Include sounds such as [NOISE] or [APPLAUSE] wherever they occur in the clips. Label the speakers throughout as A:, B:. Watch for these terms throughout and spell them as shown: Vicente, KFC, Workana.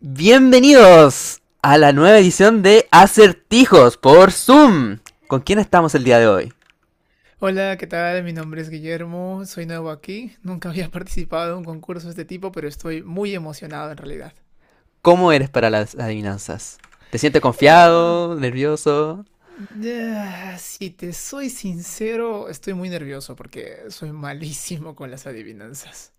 A: Bienvenidos a la nueva edición de Acertijos por Zoom. ¿Con quién estamos el día de hoy?
B: Hola, ¿qué tal? Mi nombre es Guillermo, soy nuevo aquí. Nunca había [LAUGHS] participado en un concurso de este tipo, pero estoy muy emocionado en realidad.
A: ¿Cómo eres para las adivinanzas? ¿Te sientes
B: Ah,
A: confiado, nervioso?
B: si te soy sincero, estoy muy nervioso porque soy malísimo con las adivinanzas.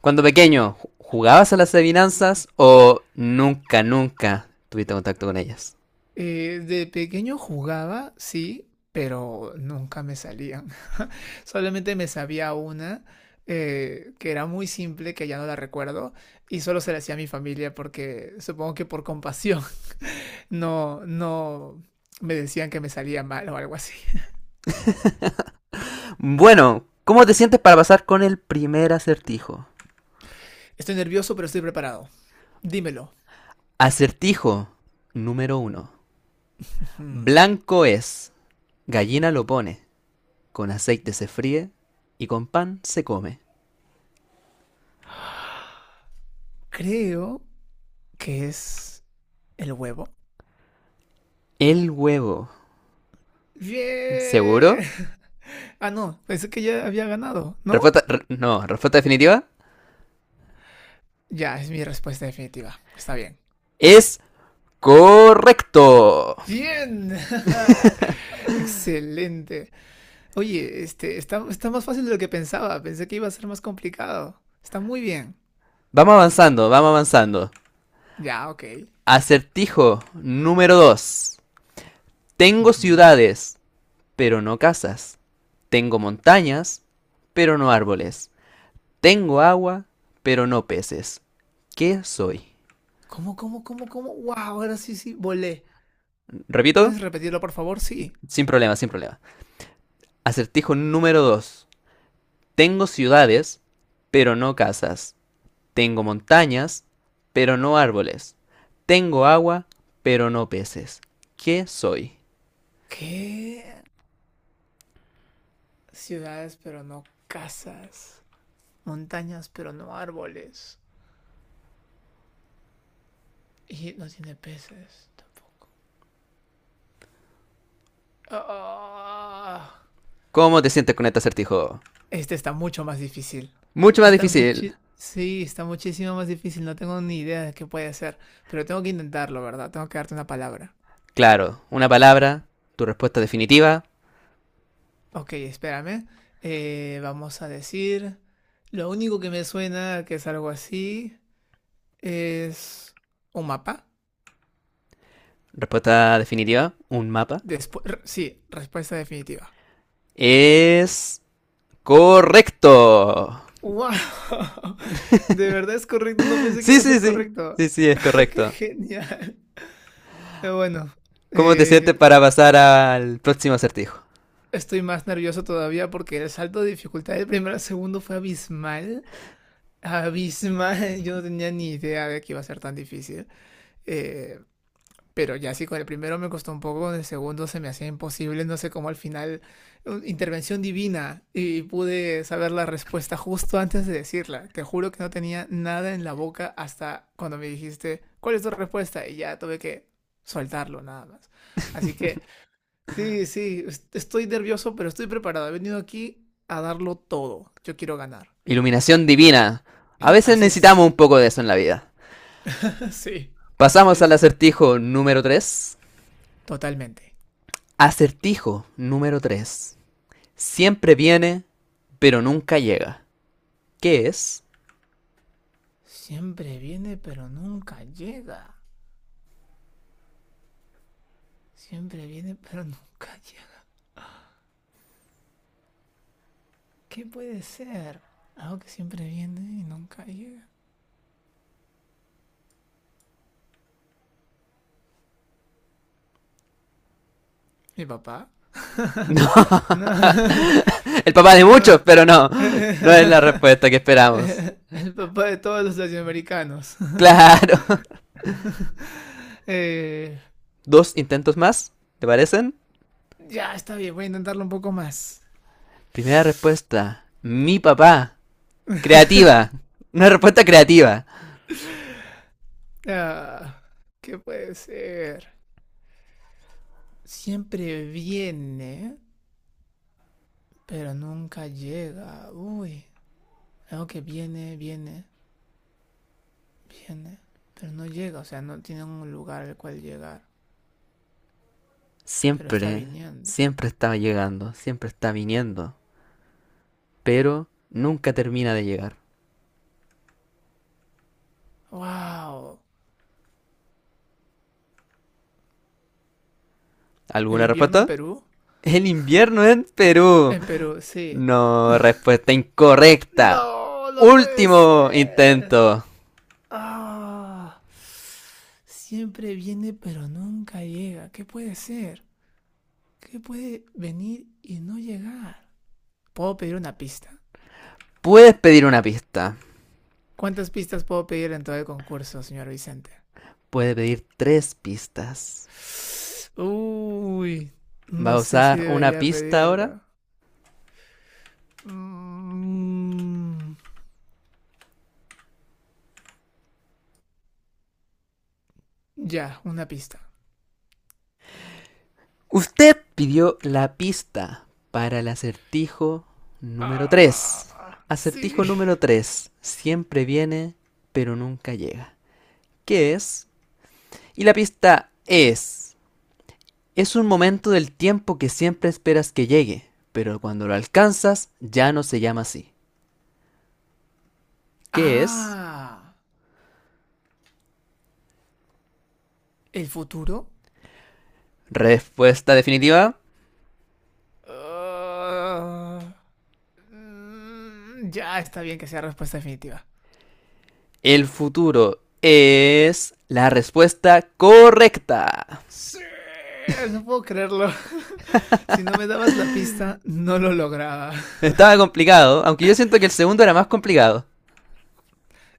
A: Cuando pequeño, ¿jugabas a las adivinanzas o nunca tuviste contacto con ellas?
B: De pequeño jugaba, sí, pero nunca me salían. [LAUGHS] Solamente me sabía una que era muy simple, que ya no la recuerdo, y solo se la hacía a mi familia porque supongo que por compasión. No, me decían que me salía mal o algo así.
A: Bueno, ¿cómo te sientes para pasar con el primer acertijo?
B: Estoy nervioso, pero estoy preparado. Dímelo.
A: Acertijo número uno.
B: Hmm.
A: Blanco es, gallina lo pone, con aceite se fríe y con pan se come.
B: Creo que es el huevo.
A: El huevo. ¿Seguro?
B: ¡Bien! Ah, no, pensé que ya había ganado, ¿no?
A: Respuesta, no, respuesta definitiva.
B: Ya, es mi respuesta definitiva. Está bien.
A: Es correcto.
B: ¡Bien! [LAUGHS] Excelente. Oye, este, está más fácil de lo que pensaba. Pensé que iba a ser más complicado. Está muy bien.
A: Vamos avanzando, vamos avanzando.
B: Ya, ok.
A: Acertijo número 2. Tengo
B: Ujú.
A: ciudades, pero no casas. Tengo montañas, pero no árboles. Tengo agua, pero no peces. ¿Qué soy?
B: ¿Cómo? ¡Wow! Ahora sí, sí, volé.
A: Repito,
B: ¿Puedes repetirlo, por favor? Sí.
A: sin problema, sin problema. Acertijo número 2. Tengo ciudades, pero no casas. Tengo montañas, pero no árboles. Tengo agua, pero no peces. ¿Qué soy?
B: ¿Qué? Ciudades, pero no casas. Montañas, pero no árboles. Y no tiene peces tampoco. Ah,
A: ¿Cómo te sientes con este acertijo?
B: este está mucho más difícil.
A: Mucho más
B: Está
A: difícil.
B: muchi sí, está muchísimo más difícil. No tengo ni idea de qué puede ser. Pero tengo que intentarlo, ¿verdad? Tengo que darte una palabra.
A: Claro, una palabra, tu
B: Ok, espérame. Vamos a decir. Lo único que me suena que es algo así. Es un mapa.
A: respuesta definitiva, un mapa.
B: Después, sí, respuesta definitiva.
A: Es correcto.
B: ¡Wow! [LAUGHS] De verdad es correcto, no pensé que
A: Sí,
B: iba a
A: sí,
B: ser
A: sí.
B: correcto.
A: Sí, sí, es
B: [LAUGHS] ¡Qué
A: correcto.
B: genial! Pero bueno,
A: ¿Cómo te sientes
B: eh,
A: para pasar al próximo acertijo?
B: estoy más nervioso todavía porque el salto de dificultad del primero al segundo fue abismal. Abismal, [LAUGHS] yo no tenía ni idea de que iba a ser tan difícil. Eh, Pero ya sí, con el primero me costó un poco, con el segundo se me hacía imposible, no sé cómo al final, intervención divina, y pude saber la respuesta justo antes de decirla. Te juro que no tenía nada en la boca hasta cuando me dijiste, ¿cuál es tu respuesta? Y ya tuve que soltarlo nada más. Así que sí, sí, estoy nervioso, pero estoy preparado. He venido aquí a darlo todo. Yo quiero ganar.
A: Iluminación divina. A veces
B: Así
A: necesitamos
B: es.
A: un poco de eso en la vida.
B: [LAUGHS] Sí,
A: Pasamos
B: sí,
A: al
B: sí.
A: acertijo número 3.
B: Totalmente.
A: Acertijo número 3. Siempre viene, pero nunca llega. ¿Qué es? [LAUGHS]
B: Siempre viene, pero nunca llega. Siempre viene pero [LAUGHS] nunca llega. ¿Qué puede ser? Algo que siempre viene y nunca llega. ¿Mi papá? [LAUGHS]
A: No,
B: No,
A: el papá
B: [LAUGHS]
A: de
B: no.
A: muchos, pero no. No es la
B: [LAUGHS]
A: respuesta que esperamos.
B: El papá de todos los latinoamericanos.
A: [LAUGHS] Claro.
B: [LAUGHS] Eh,
A: Dos intentos más, ¿te parecen?
B: ya, está bien, voy a intentarlo un poco más.
A: Primera respuesta. Mi papá. Creativa.
B: [LAUGHS]
A: Una respuesta creativa.
B: Ah, ¿qué puede ser? Siempre viene, pero nunca llega. Uy, algo que viene, viene, viene, pero no llega, o sea, no tiene un lugar al cual llegar, pero está
A: Siempre,
B: viniendo.
A: siempre estaba llegando, siempre está viniendo, pero nunca termina de llegar.
B: ¡Wow! ¿El
A: ¿Alguna
B: invierno en
A: respuesta?
B: Perú?
A: El invierno en Perú.
B: En Perú, sí.
A: No, respuesta incorrecta.
B: No, no puede
A: Último
B: ser.
A: intento.
B: Ah, siempre viene pero nunca llega. ¿Qué puede ser? ¿Qué puede venir y no llegar? ¿Puedo pedir una pista?
A: Puedes pedir una pista.
B: ¿Cuántas pistas puedo pedir en todo el concurso, señor Vicente?
A: Puede pedir tres pistas.
B: Uy,
A: ¿Va a
B: no sé si
A: usar una
B: debería
A: pista ahora?
B: pedirlo. Mm, ya, una pista.
A: Usted pidió la pista para el acertijo número 3.
B: Ah,
A: Acertijo
B: sí.
A: número tres. Siempre viene, pero nunca llega. ¿Qué es? Y la pista es... Es un momento del tiempo que siempre esperas que llegue, pero cuando lo alcanzas ya no se llama así. ¿Qué es?
B: Ah, ¿el futuro?
A: Respuesta definitiva.
B: Ah, mm, ya, está bien que sea respuesta definitiva.
A: El futuro es la respuesta correcta.
B: Sí, no puedo creerlo. [LAUGHS] Si no me dabas la pista, no lo lograba.
A: Estaba complicado, aunque yo siento que el segundo era más complicado.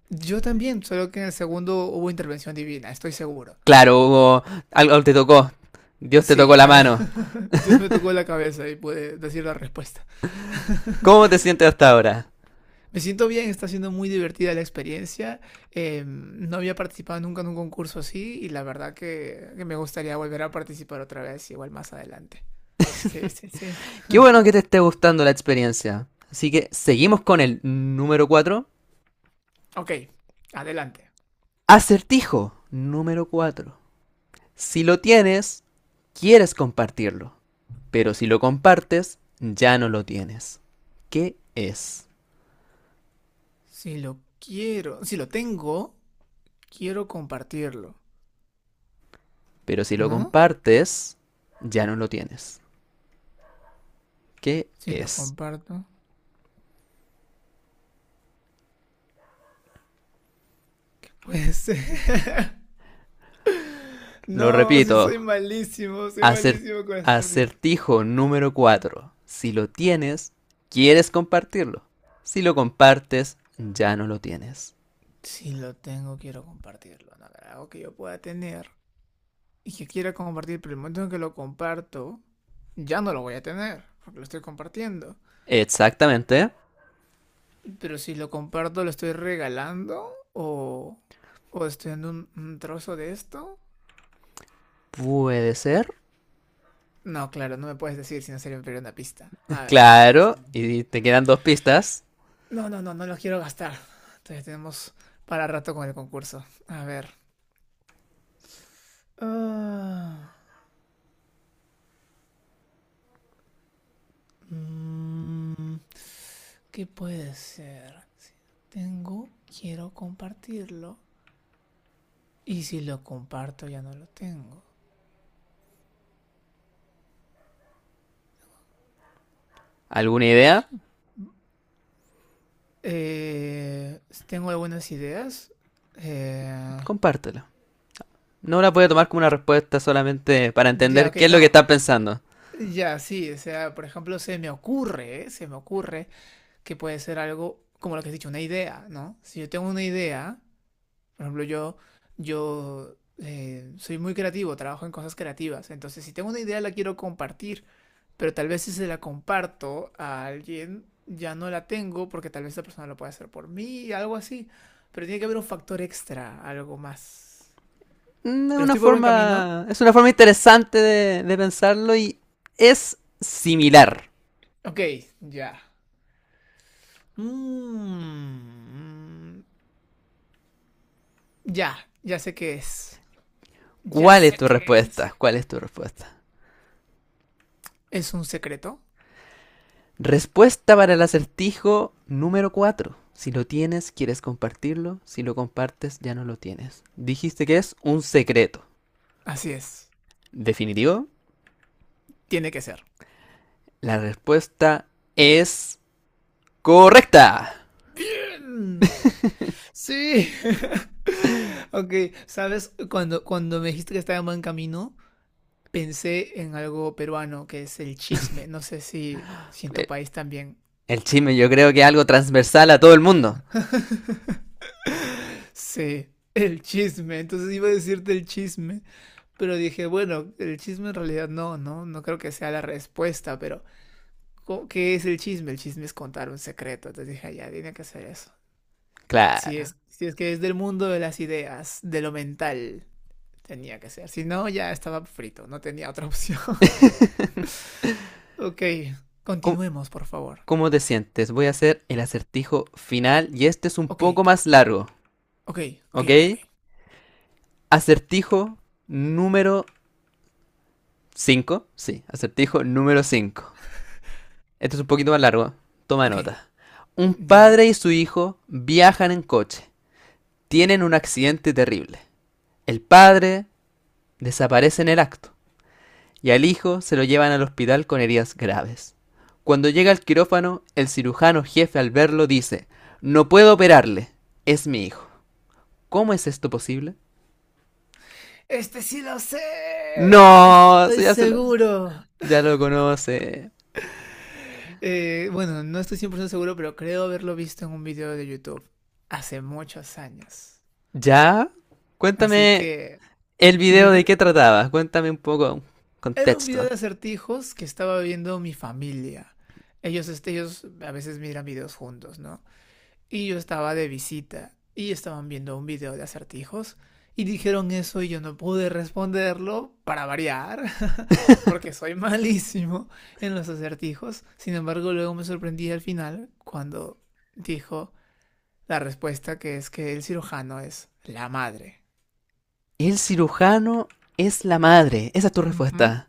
B: Yo también, solo que en el segundo hubo intervención divina, estoy seguro.
A: Claro, Hugo, algo te tocó. Dios te
B: Sí,
A: tocó la mano.
B: [LAUGHS] Dios me tocó la cabeza y pude decir la respuesta. [LAUGHS]
A: ¿Cómo te sientes hasta ahora?
B: Me siento bien, está siendo muy divertida la experiencia. No había participado nunca en un concurso así y la verdad que me gustaría volver a participar otra vez, igual más adelante. Sí, sí, sí.
A: Qué bueno que te esté gustando la experiencia. Así que seguimos con el número cuatro.
B: Ok, adelante.
A: Acertijo número 4. Si lo tienes, quieres compartirlo. Pero si lo compartes, ya no lo tienes. ¿Qué es?
B: Si lo quiero, si lo tengo, quiero compartirlo,
A: Pero si lo
B: ¿no?
A: compartes, ya no lo tienes. ¿Qué
B: Si lo
A: es?
B: comparto. Pues [LAUGHS]
A: Lo
B: no, si soy
A: repito.
B: malísimo, soy
A: Acert
B: malísimo con hacer, dijo.
A: acertijo número 4. Si lo tienes, quieres compartirlo. Si lo compartes, ya no lo tienes.
B: Si lo tengo, quiero compartirlo. No, algo que yo pueda tener y que quiera compartir, pero el momento en que lo comparto, ya no lo voy a tener, porque lo estoy compartiendo.
A: Exactamente.
B: Pero si lo comparto, lo estoy regalando o estoy dando un trozo de esto.
A: Puede ser.
B: No, claro, no me puedes decir si no sería una pista. A
A: [LAUGHS]
B: ver,
A: Claro.
B: pensemos.
A: Y te quedan dos pistas.
B: No, no, no, no lo quiero gastar. Entonces tenemos para rato con el concurso. A ver. Ah, mm, ¿qué puede ser? Si no tengo, quiero compartirlo. Y si lo comparto, ya no lo tengo.
A: ¿Alguna idea?
B: Eh, Tengo algunas ideas. Eh,
A: Compártelo. No la puede tomar como una respuesta solamente para
B: ya,
A: entender
B: ok,
A: qué es lo que
B: no.
A: está pensando.
B: Ya, sí, o sea, por ejemplo, se me ocurre que puede ser algo como lo que has dicho, una idea, ¿no? Si yo tengo una idea, por ejemplo, yo soy muy creativo, trabajo en cosas creativas, entonces si tengo una idea la quiero compartir. Pero tal vez si se la comparto a alguien, ya no la tengo porque tal vez esa persona lo puede hacer por mí, algo así. Pero tiene que haber un factor extra, algo más.
A: Es
B: Pero
A: una
B: estoy por buen camino.
A: forma, es una forma interesante de pensarlo y es similar.
B: Ok, ya. Mm, ya, ya sé qué es. Ya
A: ¿Cuál es
B: sé
A: tu
B: qué es.
A: respuesta? ¿Cuál es tu respuesta?
B: ¿Es un secreto?
A: Respuesta para el acertijo número 4. Si lo tienes, quieres compartirlo. Si lo compartes, ya no lo tienes. Dijiste que es un secreto.
B: Así es.
A: Definitivo,
B: Tiene que ser.
A: la respuesta es correcta.
B: Mm, sí. [LAUGHS] Ok, ¿sabes? Cuando me dijiste que estaba en buen camino, pensé en algo peruano que es el chisme. No sé si, si en tu
A: Eh,
B: país también
A: El chisme yo creo que es algo transversal a todo el mundo.
B: se... El chisme, entonces iba a decirte el chisme, pero dije, bueno, el chisme en realidad no, no, no creo que sea la respuesta, pero ¿qué es el chisme? El chisme es contar un secreto, entonces dije, "Ah, ya, tiene que ser eso. Si
A: Claro.
B: es, si es que es del mundo de las ideas, de lo mental, tenía que ser. Si no, ya estaba frito, no tenía otra opción. [LAUGHS] Ok,
A: ¿Cómo,
B: continuemos, por favor.
A: cómo te sientes? Voy a hacer el acertijo final y este es un
B: Ok,
A: poco más largo,
B: ok, ok, ok, ok.
A: ¿ok? Acertijo número cinco. Sí, acertijo número 5. Este es un poquito más largo. Toma
B: Ok,
A: nota. Un
B: ya.
A: padre y su hijo viajan en coche. Tienen un accidente terrible. El padre desaparece en el acto y al hijo se lo llevan al hospital con heridas graves. Cuando llega al quirófano, el cirujano jefe al verlo dice, no puedo operarle, es mi hijo. ¿Cómo es esto posible?
B: Este sí lo sé, este
A: No,
B: estoy
A: sí, ya se lo,
B: seguro.
A: ya lo conoce.
B: Bueno, no estoy 100% seguro, pero creo haberlo visto en un video de YouTube hace muchos años.
A: ¿Ya?
B: Así
A: Cuéntame
B: que,
A: el video de
B: dime.
A: qué trataba, cuéntame un poco
B: Era un video
A: contexto.
B: de acertijos que estaba viendo mi familia. Ellos, este, ellos a veces miran videos juntos, ¿no? Y yo estaba de visita y estaban viendo un video de acertijos y dijeron eso y yo no pude responderlo para variar, [LAUGHS] porque
A: [LAUGHS]
B: soy malísimo en los acertijos. Sin embargo, luego me sorprendí al final cuando dijo la respuesta que es que el cirujano es la madre.
A: El cirujano es la madre, esa es tu
B: Uh -huh.
A: respuesta.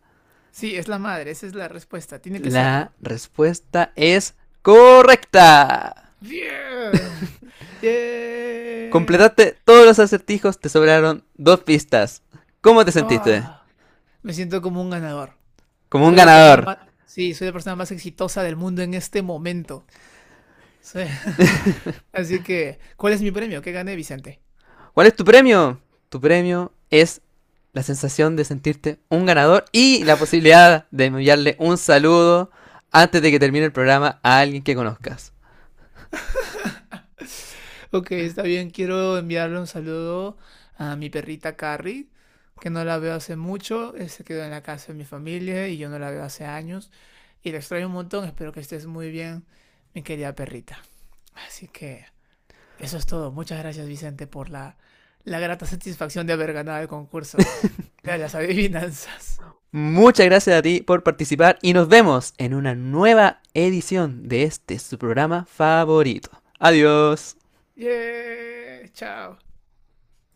B: Sí, es la madre, esa es la respuesta, tiene que
A: La
B: serlo.
A: respuesta es correcta.
B: ¡Bien! ¡Yeah! ¡Yeah!
A: Completaste todos los acertijos, te sobraron dos pistas. ¿Cómo te sentiste?
B: ¡Oh! Me siento como un ganador.
A: Como un
B: Soy la persona
A: ganador.
B: más, sí, soy la persona más exitosa del mundo en este momento. Sí.
A: [LAUGHS]
B: [LAUGHS] Así que, ¿cuál es mi premio? ¿Qué gané, Vicente?
A: ¿Cuál es tu premio? Tu premio es la sensación de sentirte un ganador y la posibilidad de enviarle un saludo antes de que termine el programa a alguien que conozcas.
B: Ok, está bien. Quiero enviarle un saludo a mi perrita Carrie, que no la veo hace mucho. Se quedó en la casa de mi familia y yo no la veo hace años. Y la extraño un montón. Espero que estés muy bien, mi querida perrita. Así que, eso es todo. Muchas gracias, Vicente, por la, la grata satisfacción de haber ganado el concurso de las adivinanzas. [LAUGHS]
A: Muchas gracias a ti por participar y nos vemos en una nueva edición de este su programa favorito. Adiós.
B: Yeah, chao.